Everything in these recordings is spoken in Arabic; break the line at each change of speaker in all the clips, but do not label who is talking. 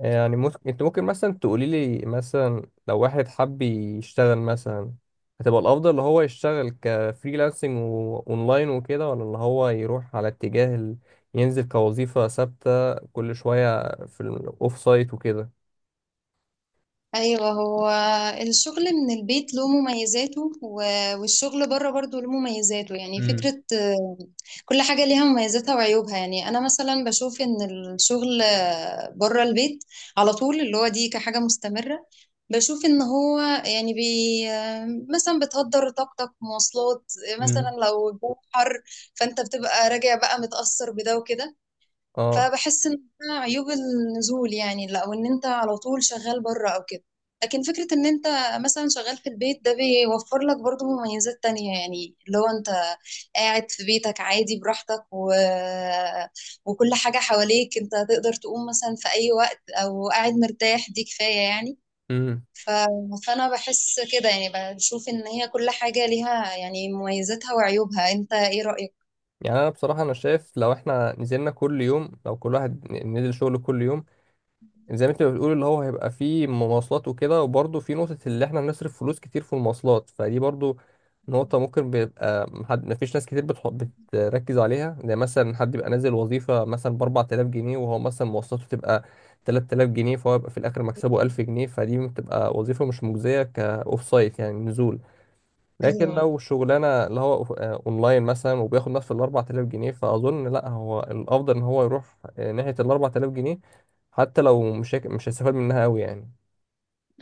يعني انت ممكن مثلا تقولي لي مثلا، لو واحد حب يشتغل مثلا، هتبقى الافضل اللي هو يشتغل كفريلانسنج واونلاين وكده، ولا اللي هو يروح على اتجاه ينزل كوظيفة ثابتة كل شوية في الاوف سايت وكده؟
ايوه، هو الشغل من البيت له مميزاته والشغل بره برضه له مميزاته، يعني
امم.
فكرة. كل حاجة ليها مميزاتها وعيوبها، يعني انا مثلا بشوف ان الشغل بره البيت على طول، اللي هو دي كحاجة مستمرة. بشوف ان هو يعني بي آه، مثلا بتهدر طاقتك مواصلات، مثلا
امم.
لو الجو حر، فانت بتبقى راجع بقى متأثر بده وكده.
اه.
فبحس ان ده عيوب النزول، يعني لا، وان انت على طول شغال بره او كده. لكن فكرة ان انت مثلا شغال في البيت، ده بيوفر لك برضو مميزات تانية، يعني لو انت قاعد في بيتك عادي براحتك وكل حاجة حواليك، انت تقدر تقوم مثلا في اي وقت او قاعد مرتاح، دي كفاية يعني.
امم.
ف... فانا بحس كده، يعني بشوف ان هي كل حاجة ليها يعني مميزاتها وعيوبها. انت ايه رأيك؟
يعني انا بصراحة انا شايف، لو كل واحد نزل شغل كل يوم، زي ما انت بتقول اللي هو هيبقى فيه مواصلات وكده. وبرضه في نقطة اللي احنا بنصرف فلوس كتير في المواصلات، فدي برضه نقطة ممكن بيبقى محد، مفيش ناس كتير بتركز عليها. زي مثلا حد يبقى نازل وظيفة مثلا ب 4000 جنيه، وهو مثلا مواصلاته تبقى 3000 جنيه، فهو يبقى في الآخر مكسبه 1000 جنيه، فدي بتبقى وظيفة مش مجزية كأوف سايت، يعني نزول. لكن
ايوه.
لو شغلانة اللي هو اونلاين مثلا، وبياخد نفس ال 4000 جنيه، فاظن لا هو الافضل ان هو يروح ناحية ال 4000 جنيه، حتى لو مش هيستفاد منها قوي يعني.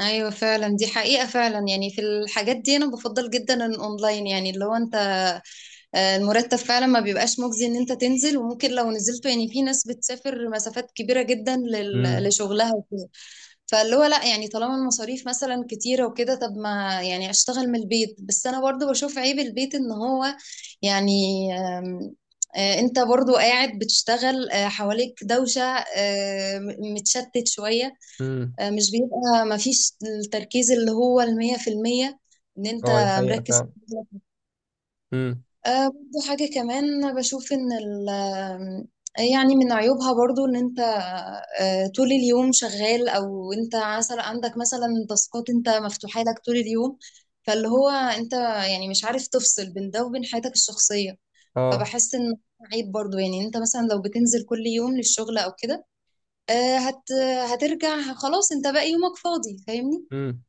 ايوه فعلا، دي حقيقة فعلا، يعني في الحاجات دي انا بفضل جدا الاونلاين. يعني اللي هو انت المرتب فعلا ما بيبقاش مجزي ان انت تنزل، وممكن لو نزلت يعني في ناس بتسافر مسافات كبيرة جدا
امم.
لشغلها وكده. فاللي هو لا، يعني طالما المصاريف مثلا كتيرة وكده، طب ما يعني اشتغل من البيت. بس انا برضو بشوف عيب البيت ان هو يعني آم، انت برضو قاعد بتشتغل، حواليك دوشة، متشتت شوية،
امم.
مش بيبقى مفيش التركيز اللي هو 100%، ان انت
اه، دي حقيقة
مركز في
فعلا.
شغلك.
امم.
برضو حاجة كمان بشوف ان ال آه، يعني من عيوبها برضو ان انت طول اليوم شغال، او انت مثلا عندك مثلا تاسكات انت مفتوحة لك طول اليوم، فاللي هو انت يعني مش عارف تفصل بين ده وبين حياتك الشخصية.
اه.
فبحس ان عيب برضو، يعني انت مثلا لو بتنزل كل يوم للشغل او كده، آه، هت هترجع خلاص، انت باقي يومك فاضي، فاهمني؟
امم.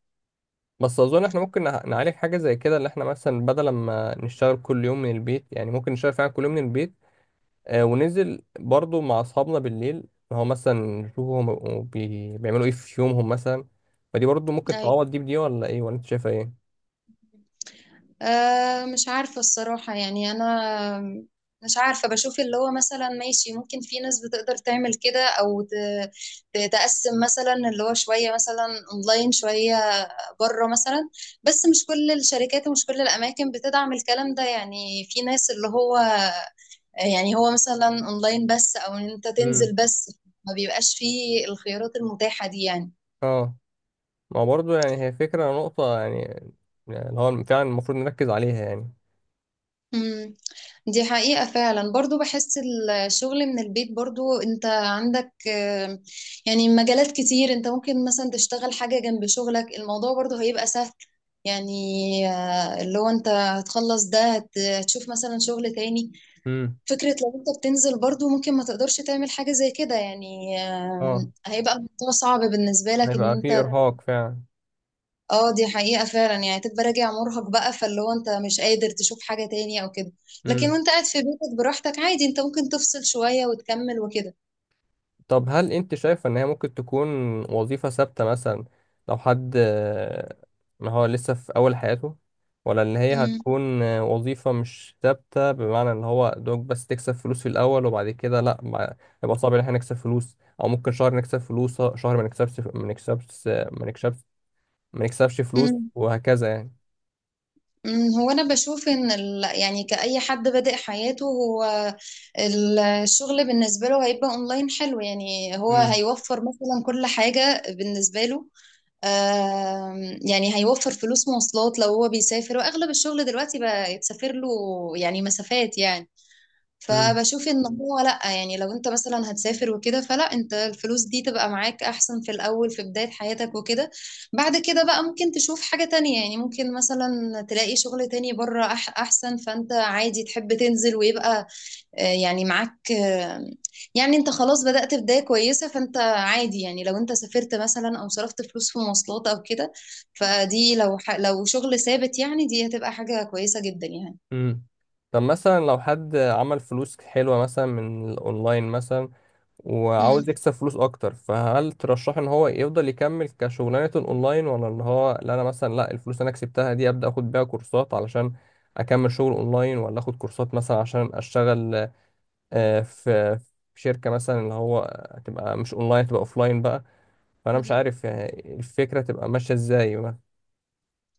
بس اظن احنا ممكن نعالج حاجه زي كده، اللي احنا مثلا بدل ما نشتغل كل يوم من البيت، يعني ممكن نشتغل فعلا كل يوم من البيت، وننزل برضو مع أصحابنا بالليل، هو مثلا نشوفهم هو بيعملوا إيه في يومهم مثلا. فدي برضو ممكن تعوض دي بدي، ولا إيه، ولا أنت شايفة إيه؟
أه، مش عارفة الصراحة، يعني أنا مش عارفة. بشوف اللي هو مثلا ماشي، ممكن في ناس بتقدر تعمل كده، أو تقسم مثلا اللي هو شوية مثلا أونلاين شوية بره مثلا. بس مش كل الشركات ومش كل الأماكن بتدعم الكلام ده، يعني في ناس اللي هو يعني هو مثلا أونلاين بس، أو إن أنت
امم.
تنزل بس، ما بيبقاش فيه الخيارات المتاحة دي يعني.
اه. ما هو برضو يعني هي فكرة نقطة يعني اللي هو فعلا المفروض نركز عليها يعني.
مم. دي حقيقة فعلا، برضو بحس الشغل من البيت برضو انت عندك يعني مجالات كتير انت ممكن مثلا تشتغل حاجة جنب شغلك، الموضوع برضو هيبقى سهل يعني. اللي هو انت هتخلص ده هتشوف مثلا شغل تاني.
امم.
فكرة لو انت بتنزل برضو، ممكن ما تقدرش تعمل حاجة زي كده يعني،
اه، اه،
هيبقى الموضوع صعب بالنسبة لك ان
هيبقى في
انت.
إرهاق فعلا.
اه، دي حقيقة فعلا، يعني تبقى راجع مرهق بقى، فاللي هو انت مش قادر تشوف حاجة تاني او كده. لكن وانت قاعد في بيتك براحتك عادي، انت ممكن تفصل شوية وتكمل وكده.
طب هل انت شايفة ان هي ممكن تكون وظيفة ثابتة مثلا، لو حد ما هو لسه في اول حياته، ولا ان هي
مم.
هتكون وظيفة مش ثابتة، بمعنى ان هو دوك بس تكسب فلوس في الاول، وبعد كده لا يبقى صعب ان احنا نكسب فلوس، او ممكن شهر نكسب فلوس، شهر ما نكسبش، ما نكسبش، ما نكسبش، ما نكسبش فلوس،
مم.
وهكذا يعني.
مم. هو انا بشوف ان يعني كأي حد بادئ حياته، هو الشغل بالنسبة له هيبقى اونلاين حلو، يعني هو
امم.
هيوفر مثلا كل حاجة بالنسبة له. آم، يعني هيوفر فلوس مواصلات لو هو بيسافر، واغلب الشغل دلوقتي بقى يتسافر له يعني مسافات يعني.
امم.
فبشوف ان هو لا، يعني لو انت مثلا هتسافر وكده، فلا انت الفلوس دي تبقى معاك احسن في الاول في بداية حياتك وكده. بعد كده بقى ممكن تشوف حاجة تانية، يعني ممكن مثلا تلاقي شغل تاني بره احسن، فانت عادي تحب تنزل ويبقى يعني معاك، يعني انت خلاص بدأت بداية كويسة، فانت عادي. يعني لو انت سافرت مثلا او صرفت فلوس في مواصلات او كده، فدي لو لو شغل ثابت يعني، دي هتبقى حاجة كويسة جدا يعني.
امم. طب مثلا لو حد عمل فلوس حلوة مثلا من الاونلاين مثلا، وعاوز يكسب فلوس اكتر، فهل ترشح ان هو يفضل يكمل كشغلانة اونلاين، ولا اللي هو لا، انا مثلا لا، الفلوس اللي انا كسبتها دي ابدا اخد بيها كورسات علشان اكمل شغل اونلاين، ولا اخد كورسات مثلا عشان اشتغل آه، في في شركة مثلا، اللي هو تبقى مش اونلاين، تبقى اوفلاين بقى. فانا مش
مم.
عارف يعني الفكرة تبقى ماشية ازاي بقى.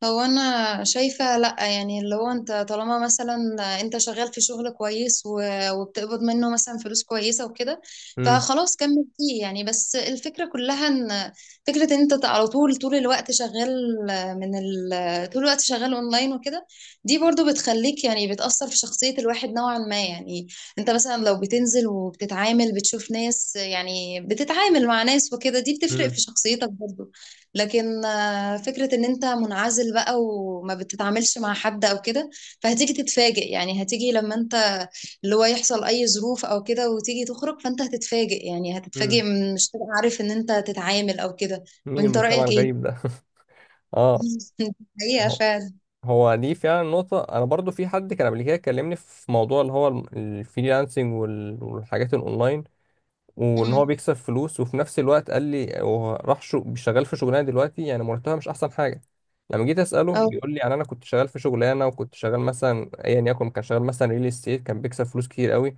هو انا شايفة لا، يعني اللي هو انت طالما مثلا انت شغال في شغل كويس وبتقبض منه مثلا فلوس كويسة وكده،
مم.
فخلاص كمل فيه يعني. بس الفكرة كلها ان فكرة ان انت على طول طول الوقت شغال، طول الوقت شغال اونلاين وكده، دي برضو بتخليك يعني بتأثر في شخصية الواحد نوعا ما يعني. انت مثلا لو بتنزل وبتتعامل بتشوف ناس، يعني بتتعامل مع ناس وكده، دي بتفرق
مم.
في شخصيتك برضو. لكن فكرة ان انت منعزل بقى وما بتتعاملش مع حد او كده، فهتيجي تتفاجئ. يعني هتيجي لما انت اللي هو يحصل اي ظروف او كده وتيجي تخرج، فانت هتتفاجئ. يعني هتتفاجئ
مم.
مش تبقى عارف ان انت تتعامل او كده.
مين
وانت
المجتمع
رأيك
الغريب
ايه؟
ده؟ اه.
حقيقة فعلا.
هو دي فعلا نقطة. أنا برضو في حد كان قبل كده كلمني في موضوع اللي هو الفريلانسنج والحاجات الأونلاين، وإن هو
مم.
بيكسب فلوس، وفي نفس الوقت قال لي هو راح شغال في شغلانة دلوقتي، يعني مرتبها مش أحسن حاجة. لما جيت أسأله
اه.
بيقول لي يعني أنا كنت شغال في شغلانة، وكنت شغال مثلا أيا يكن، كان شغال مثلا ريل استيت، كان بيكسب فلوس كتير قوي،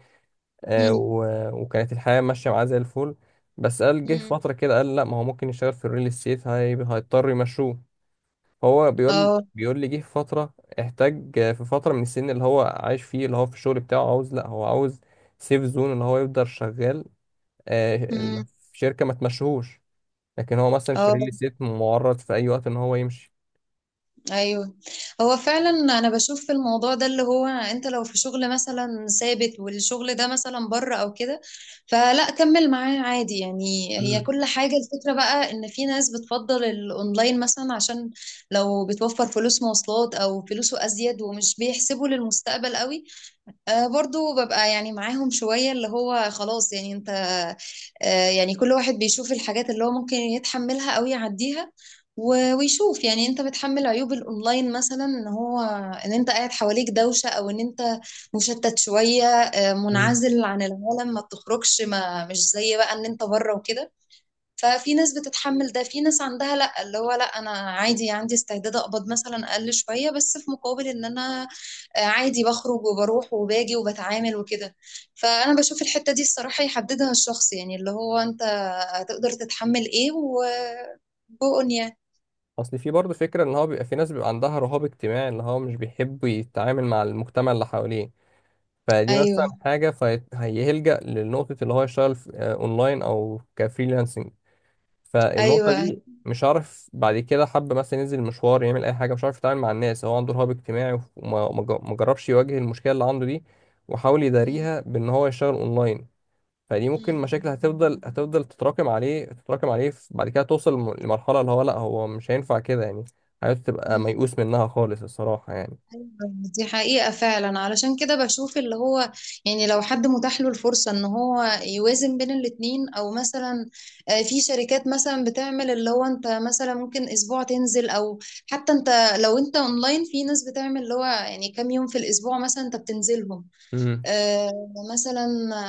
آه
مم.
و... وكانت الحياة ماشية معاه زي الفل. بس قال جه في
مم.
فترة كده، قال لا ما هو ممكن يشتغل في الريل استيت، هيضطر يمشوه. هو بيقول
اه.
بيقول لي جه في فترة، احتاج في فترة من السن اللي هو عايش فيه، اللي هو في الشغل بتاعه، عاوز لا هو عاوز سيف زون، اللي هو يفضل شغال آه،
مم.
ال- في شركة ما تمشيهوش، لكن هو مثلا في
اه.
ريل استيت معرض في أي وقت إن هو يمشي.
ايوه، هو فعلا انا بشوف في الموضوع ده اللي هو انت لو في شغل مثلا ثابت، والشغل ده مثلا بره او كده، فلا كمل معاه عادي يعني. هي
مم.
كل حاجة، الفكرة بقى ان في ناس بتفضل الاونلاين مثلا عشان لو بتوفر فلوس مواصلات او فلوسه ازيد ومش بيحسبوا للمستقبل قوي. برضو ببقى يعني معاهم شوية، اللي هو خلاص يعني انت يعني كل واحد بيشوف الحاجات اللي هو ممكن يتحملها او يعديها ويشوف. يعني انت بتحمل عيوب الاونلاين مثلا ان هو ان انت قاعد حواليك دوشة، او ان انت مشتت شوية،
مم.
منعزل عن العالم ما بتخرجش، ما مش زي بقى ان انت بره وكده. ففي ناس بتتحمل ده، في ناس عندها لا، اللي هو لا، انا عادي عندي استعداد اقبض مثلا اقل شوية بس في مقابل ان انا عادي بخرج وبروح وباجي وبتعامل وكده. فانا بشوف الحتة دي الصراحة يحددها الشخص، يعني اللي هو انت هتقدر تتحمل ايه و بقن يعني.
أصل في برضه فكرة إن هو بيبقى في ناس بيبقى عندها رهاب اجتماعي، اللي هو مش بيحب يتعامل مع المجتمع اللي حواليه، فدي مثلا
ايوه.
حاجة، فهيلجأ لنقطة اللي هو يشتغل أونلاين أو كفريلانسنج. فالنقطة
ايوه.
دي مش عارف، بعد كده حب مثلا ينزل مشوار يعمل أي حاجة، مش عارف يتعامل مع الناس، هو عنده رهاب اجتماعي، وما ما جا- ما جربش يواجه المشكلة اللي عنده دي، وحاول
مم.
يداريها بإن هو يشتغل أونلاين، فدي ممكن مشاكل هتفضل تتراكم عليه، تتراكم عليه، بعد كده توصل لمرحلة اللي هو لأ، هو مش هينفع كده يعني، حياته تبقى
مم.
ميؤوس منها خالص الصراحة يعني.
أيوة، دي حقيقة فعلا. علشان كده بشوف اللي هو يعني لو حد متاح له الفرصة ان هو يوازن بين الاتنين، او مثلا في شركات مثلا بتعمل اللي هو انت مثلا ممكن اسبوع تنزل، او حتى انت لو انت اونلاين في ناس بتعمل اللي هو يعني كام يوم في الاسبوع مثلا انت بتنزلهم،
امم.
آه، مثلا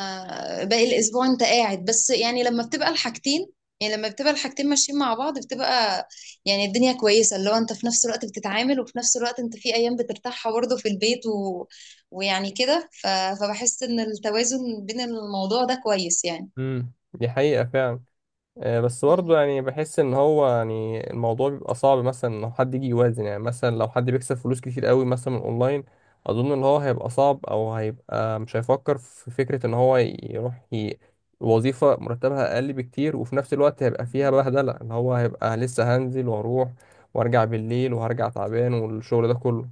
باقي الاسبوع انت قاعد بس. يعني لما بتبقى الحاجتين، ماشيين مع بعض، بتبقى يعني الدنيا كويسة، اللي هو انت في نفس الوقت بتتعامل، وفي نفس الوقت انت في ايام بترتاحها برضه في البيت ويعني كده. فبحس ان التوازن بين الموضوع ده كويس يعني.
امم، دي حقيقة فعلا. بس برضه يعني بحس ان هو يعني الموضوع بيبقى صعب مثلا ان حد يجي يوازن، يعني مثلا لو حد بيكسب فلوس كتير قوي مثلا من اونلاين، اظن ان هو هيبقى صعب، او هيبقى مش هيفكر في فكرة ان هو يروح وظيفة مرتبها اقل بكتير، وفي نفس الوقت هيبقى فيها
مم.
بهدلة، ان هو هيبقى لسه هنزل واروح وارجع بالليل، وهرجع تعبان، والشغل ده كله.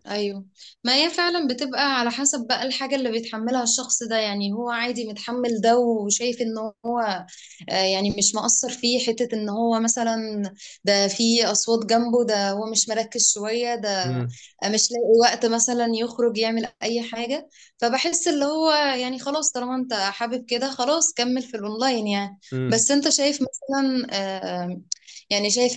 ايوه. ما هي فعلا بتبقى على حسب بقى الحاجة اللي بيتحملها الشخص ده، يعني هو عادي متحمل ده وشايف ان هو يعني مش مقصر فيه حتة ان هو مثلا ده في اصوات جنبه ده، هو مش مركز شوية ده، مش لاقي وقت مثلا يخرج يعمل اي حاجة. فبحس اللي هو يعني خلاص، طالما انت حابب كده، خلاص كمل في الاونلاين يعني.
امم.
بس انت شايف مثلا آه، يعني شايف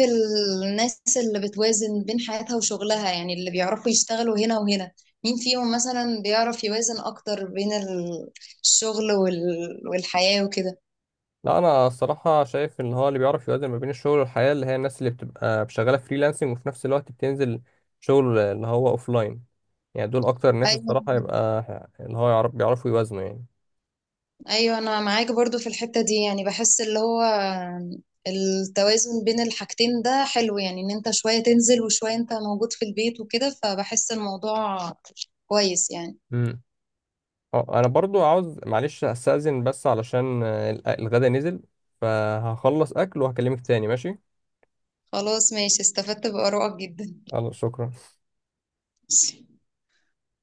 الناس اللي بتوازن بين حياتها وشغلها، يعني اللي بيعرفوا يشتغلوا هنا وهنا، مين فيهم مثلا بيعرف يوازن اكتر بين الشغل والحياة وكده؟
لا، انا الصراحه شايف ان هو اللي بيعرف يوازن ما بين الشغل والحياه، اللي هي الناس اللي بتبقى شغاله فريلانسنج، وفي نفس الوقت بتنزل شغل اللي هو لاين، يعني دول اكتر ناس
ايوه.
الصراحه يبقى اللي هو بيعرفوا يوازنوا يعني.
ايوه انا معاك برضو في الحتة دي، يعني بحس اللي هو التوازن بين الحاجتين ده حلو، يعني ان انت شوية تنزل وشوية انت موجود في البيت وكده، فبحس الموضوع كويس يعني.
امم. اه، انا برضو عاوز معلش استأذن، بس علشان الغدا نزل، فهخلص اكل وهكلمك تاني، ماشي؟
خلاص ماشي، استفدت بآرائك جدا.
خلاص، شكرا.